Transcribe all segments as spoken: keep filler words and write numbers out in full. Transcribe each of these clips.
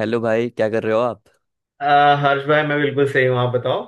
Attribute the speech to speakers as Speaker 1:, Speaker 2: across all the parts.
Speaker 1: Hello भाई, क्या कर रहे हो आप।
Speaker 2: अ, हर्ष भाई, मैं बिल्कुल सही हूँ। आप बताओ।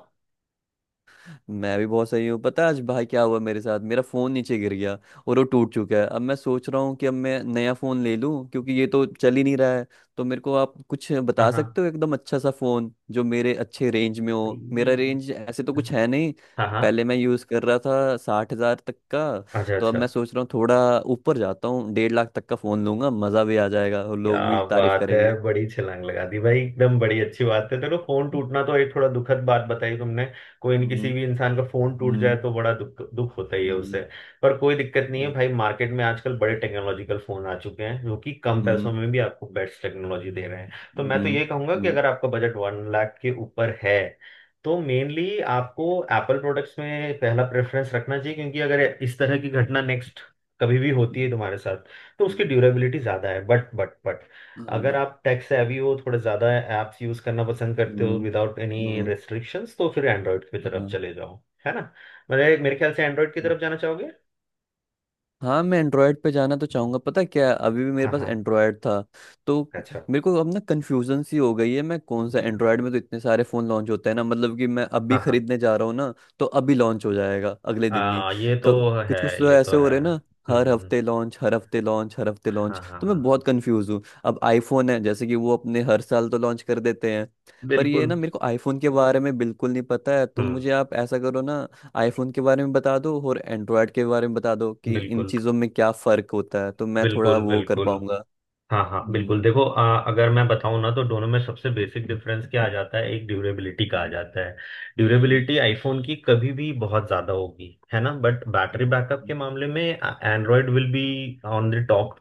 Speaker 1: मैं भी बहुत सही हूँ। पता है आज भाई क्या हुआ मेरे साथ, मेरा फ़ोन नीचे गिर गया और वो टूट चुका है। अब मैं सोच रहा हूँ कि अब मैं नया फ़ोन ले लूँ, क्योंकि ये तो चल ही नहीं रहा है। तो मेरे को आप कुछ
Speaker 2: हाँ
Speaker 1: बता
Speaker 2: हाँ।
Speaker 1: सकते हो, एकदम अच्छा सा फ़ोन जो मेरे अच्छे रेंज में
Speaker 2: भाई,
Speaker 1: हो। मेरा रेंज ऐसे तो कुछ है नहीं,
Speaker 2: हाँ हाँ।
Speaker 1: पहले मैं यूज़ कर रहा था साठ हज़ार तक का।
Speaker 2: अच्छा
Speaker 1: तो अब
Speaker 2: अच्छा।
Speaker 1: मैं सोच रहा हूँ थोड़ा ऊपर जाता हूँ, डेढ़ लाख तक का फ़ोन लूंगा, मज़ा भी आ जाएगा और
Speaker 2: क्या
Speaker 1: लोग भी तारीफ़
Speaker 2: बात है!
Speaker 1: करेंगे।
Speaker 2: बड़ी छलांग लगा दी भाई। एकदम बड़ी अच्छी बात है। देखो, फोन टूटना तो एक थोड़ा दुखद बात बताई तुमने। कोई न,
Speaker 1: हम्म।
Speaker 2: किसी भी इंसान का फोन टूट जाए
Speaker 1: हम्म।
Speaker 2: तो बड़ा दुख दुख होता ही है उसे।
Speaker 1: हम्म।
Speaker 2: पर कोई दिक्कत नहीं है भाई। मार्केट में आजकल बड़े टेक्नोलॉजिकल फोन आ चुके हैं जो कि कम पैसों
Speaker 1: हम्म।
Speaker 2: में भी आपको बेस्ट टेक्नोलॉजी दे रहे हैं। तो मैं तो
Speaker 1: हम्म।
Speaker 2: ये कहूंगा कि
Speaker 1: हम्म।
Speaker 2: अगर आपका बजट वन लाख के ऊपर है, तो मेनली आपको एप्पल प्रोडक्ट्स में पहला प्रेफरेंस रखना चाहिए, क्योंकि अगर इस तरह की घटना नेक्स्ट कभी भी होती है
Speaker 1: हम्म,
Speaker 2: तुम्हारे साथ, तो उसकी ड्यूरेबिलिटी ज़्यादा है। बट बट बट
Speaker 1: हम्म,
Speaker 2: अगर
Speaker 1: हाँ,
Speaker 2: आप टेक सेवी हो, थोड़े ज़्यादा ऐप्स यूज़ करना पसंद करते हो
Speaker 1: हम्म।
Speaker 2: विदाउट एनी
Speaker 1: हम्म,
Speaker 2: रेस्ट्रिक्शंस, तो फिर एंड्रॉयड की तरफ
Speaker 1: हाँ।
Speaker 2: चले जाओ। है ना। मेरे मेरे ख्याल से एंड्रॉयड की तरफ जाना चाहोगे।
Speaker 1: हाँ, मैं एंड्रॉयड पे जाना तो चाहूंगा। पता है क्या, अभी भी मेरे
Speaker 2: हाँ
Speaker 1: पास
Speaker 2: हाँ।
Speaker 1: एंड्रॉयड था। तो
Speaker 2: अच्छा।
Speaker 1: मेरे को अब ना कंफ्यूजन सी हो गई है। मैं कौन सा, एंड्रॉयड में तो इतने सारे फ़ोन लॉन्च होते हैं ना, मतलब कि मैं अभी
Speaker 2: हाँ हाँ।
Speaker 1: खरीदने जा रहा हूँ ना, तो अभी लॉन्च हो जाएगा अगले दिन ही,
Speaker 2: आ, ये तो है।
Speaker 1: कुछ कुछ तो
Speaker 2: ये तो
Speaker 1: ऐसे हो
Speaker 2: है।
Speaker 1: रहे हैं ना। हर
Speaker 2: हम्म।
Speaker 1: हफ्ते लॉन्च, हर हफ्ते लॉन्च, हर हफ्ते
Speaker 2: हाँ
Speaker 1: लॉन्च।
Speaker 2: हाँ
Speaker 1: तो
Speaker 2: हाँ
Speaker 1: मैं बहुत
Speaker 2: हाँ।
Speaker 1: कंफ्यूज हूँ। अब आईफोन है, जैसे कि वो अपने हर साल तो लॉन्च कर देते हैं। पर ये
Speaker 2: बिल्कुल।
Speaker 1: ना, मेरे को आईफोन के बारे में बिल्कुल नहीं पता है। तो
Speaker 2: हम्म।
Speaker 1: मुझे आप ऐसा करो ना, आईफोन के बारे में बता दो और एंड्रॉयड के बारे में बता दो कि इन
Speaker 2: बिल्कुल
Speaker 1: चीज़ों में क्या फ़र्क होता है, तो मैं थोड़ा
Speaker 2: बिल्कुल।
Speaker 1: वो कर
Speaker 2: बिल्कुल।
Speaker 1: पाऊंगा।
Speaker 2: हाँ हाँ
Speaker 1: हम्म।
Speaker 2: बिल्कुल। देखो, आ, अगर मैं बताऊं ना, तो दोनों में सबसे बेसिक डिफरेंस क्या आ जाता है, एक ड्यूरेबिलिटी का आ
Speaker 1: हम्म,
Speaker 2: जाता है।
Speaker 1: हम्म,
Speaker 2: ड्यूरेबिलिटी आईफोन की कभी भी बहुत ज्यादा होगी, है ना। बट बैटरी बैकअप
Speaker 1: हम्म,
Speaker 2: के मामले में Android will be on the top.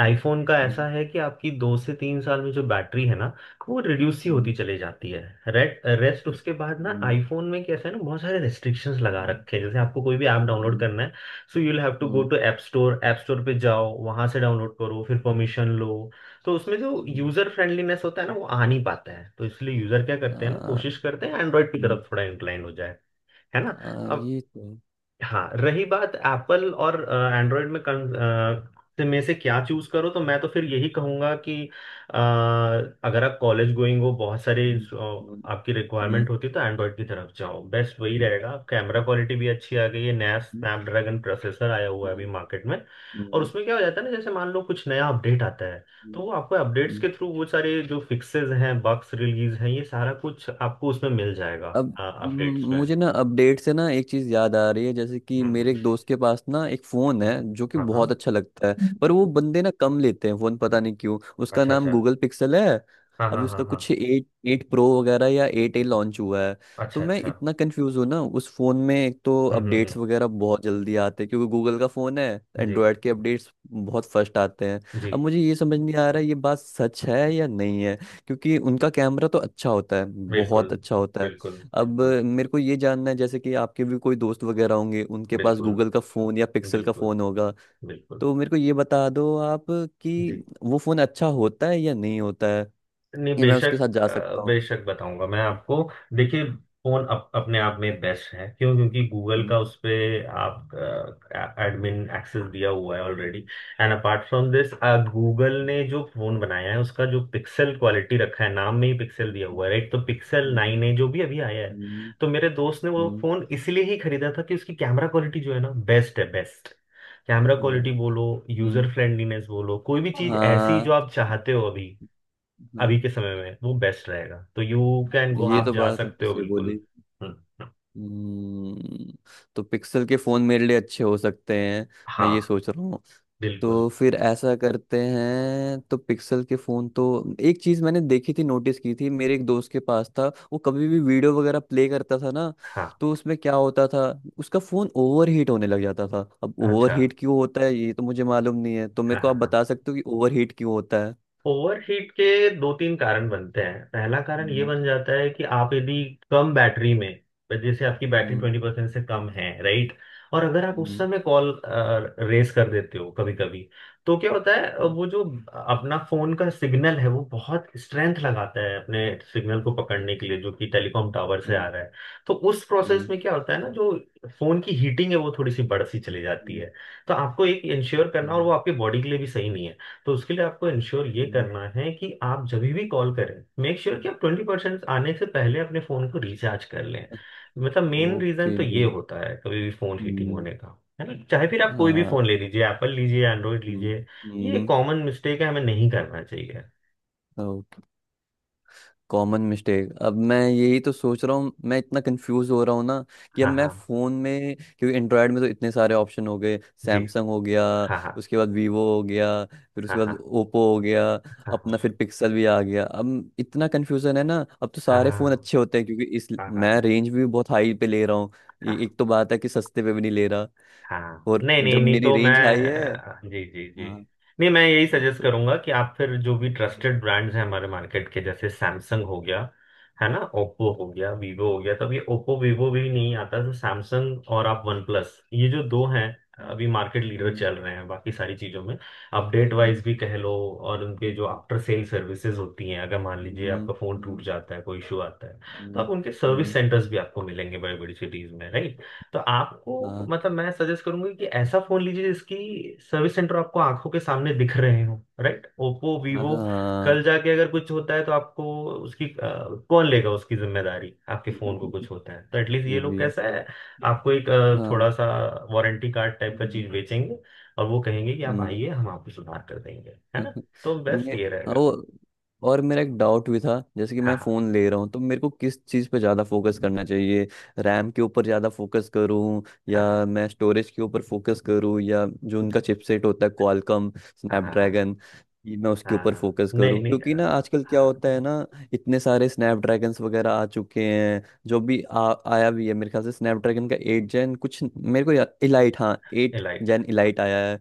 Speaker 2: IPhone का ऐसा
Speaker 1: हम्म,
Speaker 2: है कि आपकी दो से तीन साल में जो बैटरी है ना, वो रिड्यूस ही होती
Speaker 1: हम्म,
Speaker 2: चली जाती है। Rate rest.
Speaker 1: अच्छा,
Speaker 2: उसके बाद ना
Speaker 1: हम्म,
Speaker 2: आईफोन में कैसा है ना, बहुत सारे रेस्ट्रिक्शंस लगा
Speaker 1: हम्म,
Speaker 2: रखे हैं। जैसे आपको कोई भी ऐप डाउनलोड
Speaker 1: हम्म,
Speaker 2: करना है, so you will have to go
Speaker 1: hmm,
Speaker 2: to app store. App store पे जाओ, वहां से डाउनलोड करो, फिर परमिशन लो। तो उसमें जो
Speaker 1: हम्म,
Speaker 2: यूजर फ्रेंडलीनेस होता है ना, वो आ नहीं पाता है। तो इसलिए यूजर क्या करते हैं ना,
Speaker 1: आ,
Speaker 2: कोशिश करते हैं एंड्रॉइड की
Speaker 1: हम्म,
Speaker 2: तरफ थोड़ा इंक्लाइन हो जाए। है ना।
Speaker 1: आ, ये तो।
Speaker 2: हाँ। रही बात एप्पल और एंड्रॉयड में कन, अ, से- में से क्या चूज करो, तो मैं तो फिर यही कहूंगा कि अ, अगर आप कॉलेज गोइंग हो, बहुत सारे
Speaker 1: हम्म,
Speaker 2: अ,
Speaker 1: हम्म,
Speaker 2: आपकी
Speaker 1: हम्म,
Speaker 2: रिक्वायरमेंट होती है, तो एंड्रॉयड की तरफ जाओ, बेस्ट वही रहेगा। कैमरा क्वालिटी भी अच्छी आ गई है, नया स्नैपड्रैगन प्रोसेसर आया हुआ है अभी
Speaker 1: हम्म,
Speaker 2: मार्केट में। और
Speaker 1: हम्म,
Speaker 2: उसमें क्या हो जाता है ना, जैसे मान लो कुछ नया अपडेट आता है, तो
Speaker 1: हम्म,
Speaker 2: वो आपको अपडेट्स
Speaker 1: हम्म।
Speaker 2: के थ्रू वो सारे जो फिक्सेस हैं, बग्स रिलीज हैं, ये सारा कुछ आपको उसमें मिल जाएगा
Speaker 1: अब म-
Speaker 2: अपडेट्स में।
Speaker 1: मुझे ना अपडेट से ना एक चीज़ याद आ रही है। जैसे कि
Speaker 2: हम्म हम्म।
Speaker 1: मेरे एक दोस्त के पास ना एक फ़ोन है जो कि
Speaker 2: हाँ हाँ।
Speaker 1: बहुत अच्छा लगता है, पर वो बंदे ना कम लेते हैं फ़ोन, पता नहीं क्यों। उसका
Speaker 2: अच्छा
Speaker 1: नाम
Speaker 2: अच्छा।
Speaker 1: गूगल पिक्सल है।
Speaker 2: हाँ
Speaker 1: अभी
Speaker 2: हाँ हाँ
Speaker 1: उसका
Speaker 2: हाँ।
Speaker 1: कुछ एट एट प्रो वगैरह या एट ए लॉन्च हुआ है। तो
Speaker 2: अच्छा
Speaker 1: मैं
Speaker 2: अच्छा।
Speaker 1: इतना कंफ्यूज हूँ ना, उस फ़ोन में एक तो
Speaker 2: हम्म हम्म
Speaker 1: अपडेट्स
Speaker 2: हम्म।
Speaker 1: वगैरह बहुत जल्दी आते हैं क्योंकि गूगल का फ़ोन है,
Speaker 2: जी
Speaker 1: एंड्रॉयड के अपडेट्स बहुत फर्स्ट आते हैं।
Speaker 2: जी।
Speaker 1: अब मुझे ये समझ नहीं आ रहा है, ये बात सच है या नहीं है, क्योंकि उनका कैमरा तो अच्छा होता है,
Speaker 2: बिल्कुल
Speaker 1: बहुत अच्छा होता है।
Speaker 2: बिल्कुल।
Speaker 1: अब
Speaker 2: बिल्कुल
Speaker 1: अ, मेरे को ये जानना है, जैसे कि आपके भी कोई दोस्त वगैरह होंगे उनके पास
Speaker 2: बिल्कुल।
Speaker 1: गूगल का फ़ोन या पिक्सल का
Speaker 2: बिल्कुल
Speaker 1: फ़ोन होगा,
Speaker 2: बिल्कुल।
Speaker 1: तो मेरे को ये बता दो आप, कि
Speaker 2: जी।
Speaker 1: वो फ़ोन अच्छा होता है या नहीं होता है,
Speaker 2: नहीं
Speaker 1: ये मैं उसके साथ
Speaker 2: बेशक।
Speaker 1: जा
Speaker 2: अ,
Speaker 1: सकता हूँ।
Speaker 2: बेशक बताऊंगा मैं आपको। देखिए, फोन अप, अपने आप में बेस्ट है। क्यों? क्योंकि गूगल
Speaker 1: हम्म,
Speaker 2: का उस पे आप एडमिन एक्सेस दिया हुआ है already.
Speaker 1: Hmm,
Speaker 2: and apart from this, Google ने जो फोन बनाया है, उसका जो पिक्सल क्वालिटी रखा है, नाम में ही पिक्सल
Speaker 1: हम्म,
Speaker 2: दिया
Speaker 1: हम्म,
Speaker 2: हुआ है, राइट। तो पिक्सल
Speaker 1: हम्म,
Speaker 2: नाइन है जो भी अभी आया है।
Speaker 1: हम्म,
Speaker 2: तो मेरे दोस्त ने वो
Speaker 1: हम्म,
Speaker 2: फोन इसलिए ही खरीदा था कि उसकी कैमरा क्वालिटी जो है ना, बेस्ट है, बेस्ट। कैमरा
Speaker 1: हाँ।
Speaker 2: क्वालिटी बोलो, यूजर फ्रेंडलीनेस बोलो, कोई भी चीज ऐसी जो आप चाहते हो अभी,
Speaker 1: हम्म, हाँ।
Speaker 2: अभी के समय में वो बेस्ट रहेगा। तो यू कैन
Speaker 1: हाँ,
Speaker 2: गो,
Speaker 1: ये
Speaker 2: आप
Speaker 1: तो
Speaker 2: जा
Speaker 1: बात आपने
Speaker 2: सकते हो
Speaker 1: सही
Speaker 2: बिल्कुल।
Speaker 1: बोली।
Speaker 2: हम्म।
Speaker 1: हम्म, तो पिक्सल के फ़ोन मेरे लिए अच्छे हो सकते हैं, मैं
Speaker 2: हाँ
Speaker 1: ये सोच रहा हूँ।
Speaker 2: बिल्कुल।
Speaker 1: तो फिर ऐसा करते हैं, तो पिक्सल के फोन तो, एक चीज मैंने देखी थी, नोटिस की थी मेरे एक दोस्त के पास था। वो कभी भी वीडियो वगैरह प्ले करता था ना,
Speaker 2: हाँ
Speaker 1: तो उसमें क्या होता था, उसका फोन ओवर हीट होने लग जाता था। अब ओवर
Speaker 2: अच्छा।
Speaker 1: हीट क्यों होता है ये तो मुझे मालूम नहीं है, तो मेरे
Speaker 2: हाँ
Speaker 1: को
Speaker 2: हाँ
Speaker 1: आप
Speaker 2: हाँ।
Speaker 1: बता सकते हो कि ओवर हीट क्यों होता है।
Speaker 2: ओवरहीट के दो तीन कारण बनते हैं। पहला कारण ये
Speaker 1: हम्म।
Speaker 2: बन जाता है कि आप यदि कम बैटरी में, जैसे आपकी बैटरी
Speaker 1: हम्म।
Speaker 2: ट्वेंटी परसेंट से कम है, राइट, और अगर आप उस
Speaker 1: हम्म।
Speaker 2: समय कॉल रेस कर देते हो कभी कभी, तो क्या होता है अ,
Speaker 1: हम्म।
Speaker 2: वो जो अपना फोन का सिग्नल है, वो बहुत स्ट्रेंथ लगाता है अपने सिग्नल को पकड़ने के लिए जो कि टेलीकॉम टावर से आ
Speaker 1: हम्म।
Speaker 2: रहा है। तो उस प्रोसेस
Speaker 1: हम्म।
Speaker 2: में क्या होता है ना, जो फोन की हीटिंग है वो थोड़ी सी बढ़ सी चली जाती
Speaker 1: हम्म,
Speaker 2: है। तो आपको एक इंश्योर करना, और
Speaker 1: हम्म,
Speaker 2: वो आपके बॉडी के लिए भी सही नहीं है। तो उसके लिए आपको इंश्योर ये
Speaker 1: हम्म,
Speaker 2: करना है कि आप जब भी कॉल करें, मेक श्योर कि आप ट्वेंटी परसेंट आने से पहले अपने फ़ोन को रिचार्ज कर लें।
Speaker 1: अच्छा,
Speaker 2: मतलब मेन रीज़न
Speaker 1: ओके।
Speaker 2: तो ये होता है कभी भी फ़ोन हीटिंग
Speaker 1: हम्म।
Speaker 2: होने का, है ना। चाहे फिर आप कोई भी
Speaker 1: हाँ।
Speaker 2: फ़ोन ले लीजिए, एप्पल लीजिए, एंड्रॉयड
Speaker 1: हम्म।
Speaker 2: लीजिए। ये कॉमन मिस्टेक है, हमें नहीं करना चाहिए।
Speaker 1: हम्म, कॉमन मिस्टेक। अब मैं यही तो सोच रहा हूँ, मैं इतना कंफ्यूज हो रहा हूँ ना, कि अब
Speaker 2: हाँ
Speaker 1: मैं
Speaker 2: हाँ।
Speaker 1: फ़ोन में, क्योंकि एंड्रॉयड में तो इतने सारे ऑप्शन हो गए।
Speaker 2: जी।
Speaker 1: सैमसंग हो गया,
Speaker 2: हाँ हाँ
Speaker 1: उसके बाद वीवो हो गया, फिर
Speaker 2: हाँ
Speaker 1: उसके बाद
Speaker 2: हाँ
Speaker 1: ओप्पो हो गया,
Speaker 2: हाँ हाँ
Speaker 1: अपना फिर पिक्सल भी आ गया। अब इतना कन्फ्यूज़न है ना, अब तो
Speaker 2: हाँ
Speaker 1: सारे फ़ोन
Speaker 2: हाँ
Speaker 1: अच्छे होते हैं, क्योंकि इस
Speaker 2: हाँ हाँ हाँ हाँ
Speaker 1: मैं
Speaker 2: हाँ
Speaker 1: रेंज भी बहुत हाई पे ले रहा हूँ। ये-
Speaker 2: हाँ।
Speaker 1: एक तो बात है कि सस्ते पे भी नहीं ले रहा,
Speaker 2: हाँ
Speaker 1: और
Speaker 2: नहीं नहीं
Speaker 1: जब
Speaker 2: नहीं,
Speaker 1: मेरी
Speaker 2: तो
Speaker 1: रेंज हाई है।
Speaker 2: मैं जी जी जी।
Speaker 1: हाँ।
Speaker 2: नहीं, मैं यही सजेस्ट
Speaker 1: तो।
Speaker 2: करूंगा कि आप फिर जो भी
Speaker 1: हम्म,
Speaker 2: ट्रस्टेड ब्रांड्स हैं हमारे मार्केट के, जैसे सैमसंग हो गया, है ना, ओप्पो हो गया, वीवो हो गया। तो अब ये ओप्पो वीवो भी नहीं आता, तो सैमसंग और आप वन प्लस, ये जो दो हैं,
Speaker 1: हम्म,
Speaker 2: अभी मार्केट लीडर
Speaker 1: हम्म,
Speaker 2: चल रहे हैं बाकी सारी चीजों में। अपडेट
Speaker 1: हम्म,
Speaker 2: वाइज भी कह लो। और उनके जो
Speaker 1: हम्म,
Speaker 2: आफ्टर सेल सर्विसेज होती हैं, अगर मान लीजिए
Speaker 1: हम्म,
Speaker 2: आपका फोन टूट
Speaker 1: हम्म,
Speaker 2: जाता है, कोई इशू आता है, तो आप
Speaker 1: हम्म,
Speaker 2: उनके सर्विस
Speaker 1: हम्म,
Speaker 2: सेंटर्स भी आपको मिलेंगे बड़ी बड़ी सिटीज में, राइट। तो आपको,
Speaker 1: हाँ
Speaker 2: मतलब मैं सजेस्ट करूंगी कि ऐसा फोन लीजिए जिसकी सर्विस सेंटर आपको आंखों के सामने दिख रहे हो, राइट। ओप्पो
Speaker 1: हाँ
Speaker 2: वीवो।
Speaker 1: हाँ,
Speaker 2: कल जाके अगर कुछ होता है, तो आपको उसकी अ, कौन लेगा उसकी जिम्मेदारी? आपके फोन को कुछ होता है तो एटलीस्ट ये
Speaker 1: ये
Speaker 2: लोग
Speaker 1: भी है।
Speaker 2: कैसा है, आपको एक अ,
Speaker 1: हाँ।
Speaker 2: थोड़ा सा वारंटी कार्ड टाइप का
Speaker 1: हम्म,
Speaker 2: चीज बेचेंगे। और वो कहेंगे कि आप
Speaker 1: हम्म,
Speaker 2: आइए, हम आपको सुधार कर देंगे, है ना। तो बेस्ट
Speaker 1: मे
Speaker 2: ये रहेगा।
Speaker 1: वो और मेरा एक डाउट भी था, जैसे कि
Speaker 2: हाँ
Speaker 1: मैं
Speaker 2: हाँ
Speaker 1: फ़ोन ले रहा हूँ, तो मेरे को किस चीज़ पे ज़्यादा फोकस करना चाहिए। रैम के ऊपर ज़्यादा फोकस करूँ, या
Speaker 2: हाँ
Speaker 1: मैं स्टोरेज के ऊपर फोकस करूँ, या जो उनका चिपसेट होता है, क्वालकॉम
Speaker 2: हाँ हाँ हाँ
Speaker 1: स्नैपड्रैगन, ये मैं
Speaker 2: हाँ
Speaker 1: उसके
Speaker 2: हाँ
Speaker 1: ऊपर
Speaker 2: हाँ।
Speaker 1: फोकस
Speaker 2: नहीं
Speaker 1: करूँ।
Speaker 2: नहीं,
Speaker 1: क्योंकि ना
Speaker 2: अ,
Speaker 1: आजकल क्या
Speaker 2: हाँ।
Speaker 1: होता है ना, इतने सारे स्नैपड्रैगन्स वगैरह आ चुके हैं। जो भी आ, आया भी है मेरे ख्याल से स्नैपड्रैगन का एट जेन कुछ, मेरे को इलाइट, हाँ एट
Speaker 2: एलाइट।
Speaker 1: जेन इलाइट आया है।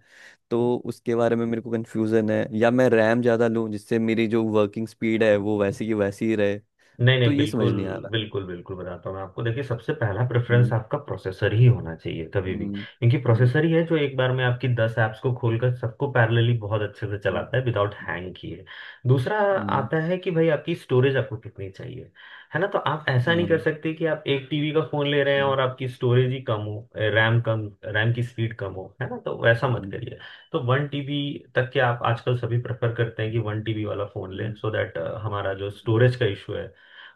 Speaker 1: तो उसके बारे में मेरे को कन्फ्यूज़न है, या मैं रैम ज़्यादा लूँ जिससे मेरी जो वर्किंग स्पीड है वो वैसी की वैसी ही रहे,
Speaker 2: नहीं
Speaker 1: तो
Speaker 2: नहीं,
Speaker 1: ये समझ
Speaker 2: बिल्कुल।
Speaker 1: नहीं आ रहा।
Speaker 2: बिल्कुल बिल्कुल बताता हूँ मैं आपको। देखिए, सबसे पहला प्रेफरेंस
Speaker 1: हम्म।
Speaker 2: आपका प्रोसेसर ही होना चाहिए कभी भी,
Speaker 1: हम्म।
Speaker 2: क्योंकि
Speaker 1: हम्म।
Speaker 2: प्रोसेसर ही है जो एक बार में आपकी दस ऐप्स को खोलकर सबको पैरेलली बहुत अच्छे से
Speaker 1: हम्म।
Speaker 2: चलाता है विदाउट हैंग किए। दूसरा
Speaker 1: हम्म,
Speaker 2: आता है कि भाई आपकी स्टोरेज आपको कितनी चाहिए। है ना। तो आप ऐसा नहीं कर
Speaker 1: हम्म,
Speaker 2: सकते कि आप एक टीबी का फोन ले रहे हैं और आपकी स्टोरेज ही कम हो, रैम कम, रैम की स्पीड कम हो, है ना। तो वैसा मत
Speaker 1: हम्म,
Speaker 2: करिए। तो वन टीबी तक के आप आजकल सभी प्रेफर करते हैं कि वन टीबी वाला फोन लें,
Speaker 1: हम्म,
Speaker 2: सो दैट हमारा जो स्टोरेज का इशू है,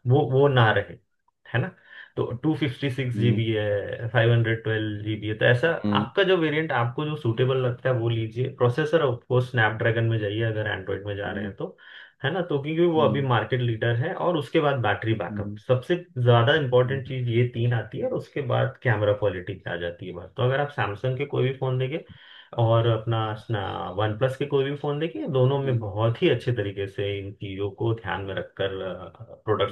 Speaker 2: वो वो ना रहे, है ना। तो two fifty six
Speaker 1: hmm,
Speaker 2: GB है, फाइव हंड्रेड ट्वेल्व जीबी है, तो ऐसा
Speaker 1: हम्म, हम्म, हम्म,
Speaker 2: आपका जो वेरिएंट, आपको जो सूटेबल लगता है वो लीजिए। प्रोसेसर आपको स्नैपड्रैगन में जाइए, अगर एंड्रॉइड में जा रहे हैं तो। है ना। तो क्योंकि वो अभी
Speaker 1: हम्म,
Speaker 2: मार्केट लीडर है। और उसके बाद बैटरी बैकअप
Speaker 1: हम्म,
Speaker 2: सबसे ज्यादा इंपॉर्टेंट
Speaker 1: हम्म,
Speaker 2: चीज, ये तीन आती है। और उसके बाद कैमरा क्वालिटी आ जाती है बात। तो अगर आप सैमसंग के कोई भी फोन देंगे और अपना वन प्लस के कोई भी फोन देखिए, दोनों में
Speaker 1: हम्म,
Speaker 2: बहुत ही अच्छे तरीके से इन चीजों को ध्यान में रखकर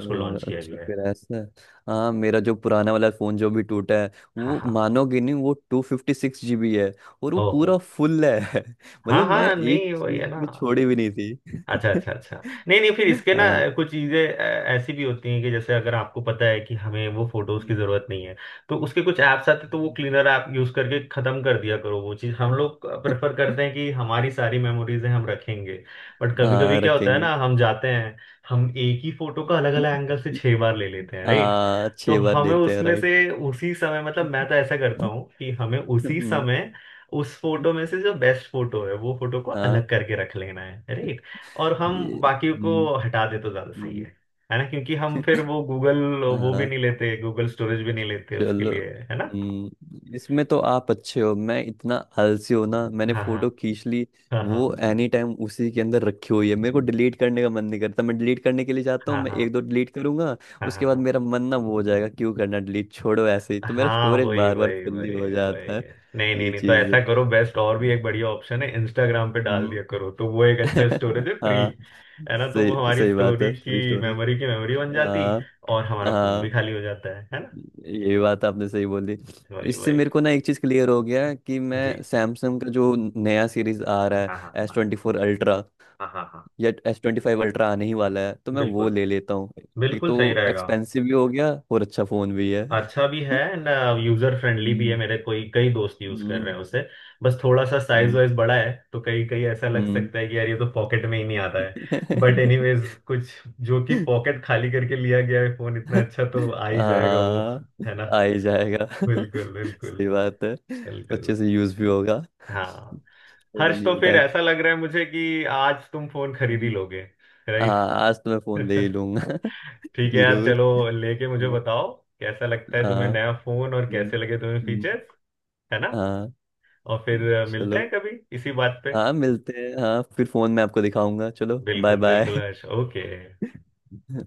Speaker 1: अ,
Speaker 2: को लॉन्च किया
Speaker 1: अच्छा
Speaker 2: गया है।
Speaker 1: फिर ऐसा है। हाँ, मेरा जो पुराना वाला फ़ोन जो भी टूटा है,
Speaker 2: हाँ
Speaker 1: वो
Speaker 2: हाँ।
Speaker 1: मानोगे नहीं, वो two fifty six G B है, और वो
Speaker 2: ओहो।
Speaker 1: पूरा फुल है
Speaker 2: हाँ
Speaker 1: मतलब मैं
Speaker 2: हाँ
Speaker 1: एक
Speaker 2: नहीं, वही
Speaker 1: चीज
Speaker 2: है ना।
Speaker 1: में छोड़ी भी नहीं थी।
Speaker 2: अच्छा अच्छा अच्छा। नहीं नहीं, फिर इसके ना
Speaker 1: हाँ।
Speaker 2: कुछ चीज़ें ऐसी भी होती हैं कि जैसे अगर आपको पता है कि हमें वो फोटोज की जरूरत नहीं है, तो उसके कुछ ऐप्स आते हैं, तो वो क्लीनर ऐप यूज करके खत्म कर दिया करो। वो चीज़ हम लोग प्रेफर करते हैं कि हमारी सारी मेमोरीज हैं हम रखेंगे। बट कभी कभी
Speaker 1: हाँ
Speaker 2: क्या होता है
Speaker 1: रखेंगे।
Speaker 2: ना, हम जाते हैं, हम एक ही फोटो का अलग अलग एंगल से छह बार ले लेते हैं, राइट।
Speaker 1: हाँ,
Speaker 2: तो
Speaker 1: छह बार
Speaker 2: हमें
Speaker 1: देते हैं,
Speaker 2: उसमें से
Speaker 1: राइट।
Speaker 2: उसी समय, मतलब मैं तो ऐसा करता हूँ कि हमें उसी समय उस फोटो में से जो बेस्ट फोटो है वो फोटो को
Speaker 1: हाँ।
Speaker 2: अलग करके रख लेना है, राइट। और हम
Speaker 1: ये-
Speaker 2: बाकियों को
Speaker 1: हम्म,
Speaker 2: हटा दे तो ज्यादा सही
Speaker 1: हम्म,
Speaker 2: है है ना। क्योंकि हम फिर वो गूगल, वो भी
Speaker 1: हाँ।
Speaker 2: नहीं लेते, गूगल स्टोरेज भी नहीं लेते उसके
Speaker 1: चलो।
Speaker 2: लिए, है ना।
Speaker 1: हम्म, इसमें तो आप अच्छे हो, मैं इतना आलसी हो ना, मैंने
Speaker 2: हाँ हाँ
Speaker 1: फोटो खींच ली
Speaker 2: हाँ हाँ
Speaker 1: वो एनी टाइम उसी के अंदर रखी हुई है। मेरे को डिलीट करने का मन नहीं करता, मैं डिलीट करने के लिए जाता हूँ,
Speaker 2: हाँ
Speaker 1: मैं एक
Speaker 2: हाँ
Speaker 1: दो डिलीट करूंगा,
Speaker 2: हाँ हाँ
Speaker 1: उसके बाद
Speaker 2: हाँ
Speaker 1: मेरा मन ना वो हो जाएगा, क्यों करना डिलीट, छोड़ो। ऐसे ही तो मेरा
Speaker 2: हाँ,
Speaker 1: स्टोरेज
Speaker 2: वही
Speaker 1: बार बार
Speaker 2: वही
Speaker 1: फुल्ली
Speaker 2: वही।
Speaker 1: हो जाता
Speaker 2: वही
Speaker 1: है।
Speaker 2: है। नहीं नहीं
Speaker 1: ये
Speaker 2: नहीं, तो
Speaker 1: चीज
Speaker 2: ऐसा
Speaker 1: है।
Speaker 2: करो, बेस्ट और भी एक बढ़िया ऑप्शन है, इंस्टाग्राम पे डाल
Speaker 1: हम्म।
Speaker 2: दिया करो, तो वो एक अच्छा स्टोरेज है, फ्री।
Speaker 1: हाँ,
Speaker 2: है ना। तो वो
Speaker 1: सही
Speaker 2: हमारी
Speaker 1: सही बात है,
Speaker 2: स्टोरी
Speaker 1: फ्री
Speaker 2: की
Speaker 1: स्टोरेज।
Speaker 2: मेमोरी की मेमोरी बन जाती।
Speaker 1: हाँ।
Speaker 2: और हमारा फोन भी
Speaker 1: हाँ,
Speaker 2: खाली हो जाता है है ना।
Speaker 1: ये बात आपने सही बोली।
Speaker 2: वही
Speaker 1: इससे
Speaker 2: वही।
Speaker 1: मेरे को ना एक चीज क्लियर हो गया, कि
Speaker 2: जी।
Speaker 1: मैं सैमसंग का जो नया सीरीज आ रहा
Speaker 2: हाँ हाँ
Speaker 1: है, एस
Speaker 2: हाँ
Speaker 1: ट्वेंटी फोर अल्ट्रा
Speaker 2: हाँ हाँ हाँ।
Speaker 1: या एस ट्वेंटी फाइव अल्ट्रा आने ही वाला है, तो मैं वो
Speaker 2: बिल्कुल।
Speaker 1: ले लेता हूँ। एक
Speaker 2: बिल्कुल
Speaker 1: तो
Speaker 2: सही रहेगा।
Speaker 1: एक्सपेंसिव भी हो गया और अच्छा फोन भी है।
Speaker 2: अच्छा भी है, एंड यूजर फ्रेंडली भी है।
Speaker 1: हम्म।
Speaker 2: मेरे कोई कई दोस्त यूज कर रहे
Speaker 1: हम्म।
Speaker 2: हैं उसे। बस थोड़ा सा साइज
Speaker 1: हम्म,
Speaker 2: वाइज बड़ा है। तो कई कई ऐसा लग
Speaker 1: हम्म।
Speaker 2: सकता है कि यार ये तो पॉकेट में ही नहीं आता है। बट एनीवेज, कुछ जो कि पॉकेट खाली करके लिया गया है, फोन इतना अच्छा तो आ ही जाएगा वो,
Speaker 1: हाँ,
Speaker 2: है ना।
Speaker 1: आ ही जाएगा।
Speaker 2: बिल्कुल बिल्कुल।
Speaker 1: सही बात है।
Speaker 2: बिल्कुल।
Speaker 1: अच्छे से यूज भी होगा,
Speaker 2: हाँ
Speaker 1: थोड़ा
Speaker 2: हर्ष, तो
Speaker 1: न्यू
Speaker 2: फिर
Speaker 1: टाइप।
Speaker 2: ऐसा लग रहा है मुझे कि आज तुम फोन खरीद ही लोगे, राइट।
Speaker 1: हाँ, आज तो मैं फोन ले ही लूंगा।
Speaker 2: ठीक है यार,
Speaker 1: जरूर।
Speaker 2: चलो। लेके मुझे
Speaker 1: हाँ।
Speaker 2: बताओ कैसा लगता है तुम्हें
Speaker 1: हाँ।
Speaker 2: नया फोन और कैसे
Speaker 1: हम्म,
Speaker 2: लगे तुम्हें
Speaker 1: हम्म,
Speaker 2: फीचर्स, है ना।
Speaker 1: हाँ,
Speaker 2: और फिर अ, मिलते
Speaker 1: चलो।
Speaker 2: हैं कभी इसी बात पे।
Speaker 1: हाँ मिलते हैं, हाँ फिर फोन में आपको दिखाऊंगा, चलो बाय
Speaker 2: बिल्कुल बिल्कुल
Speaker 1: बाय।
Speaker 2: हर्ष, ओके।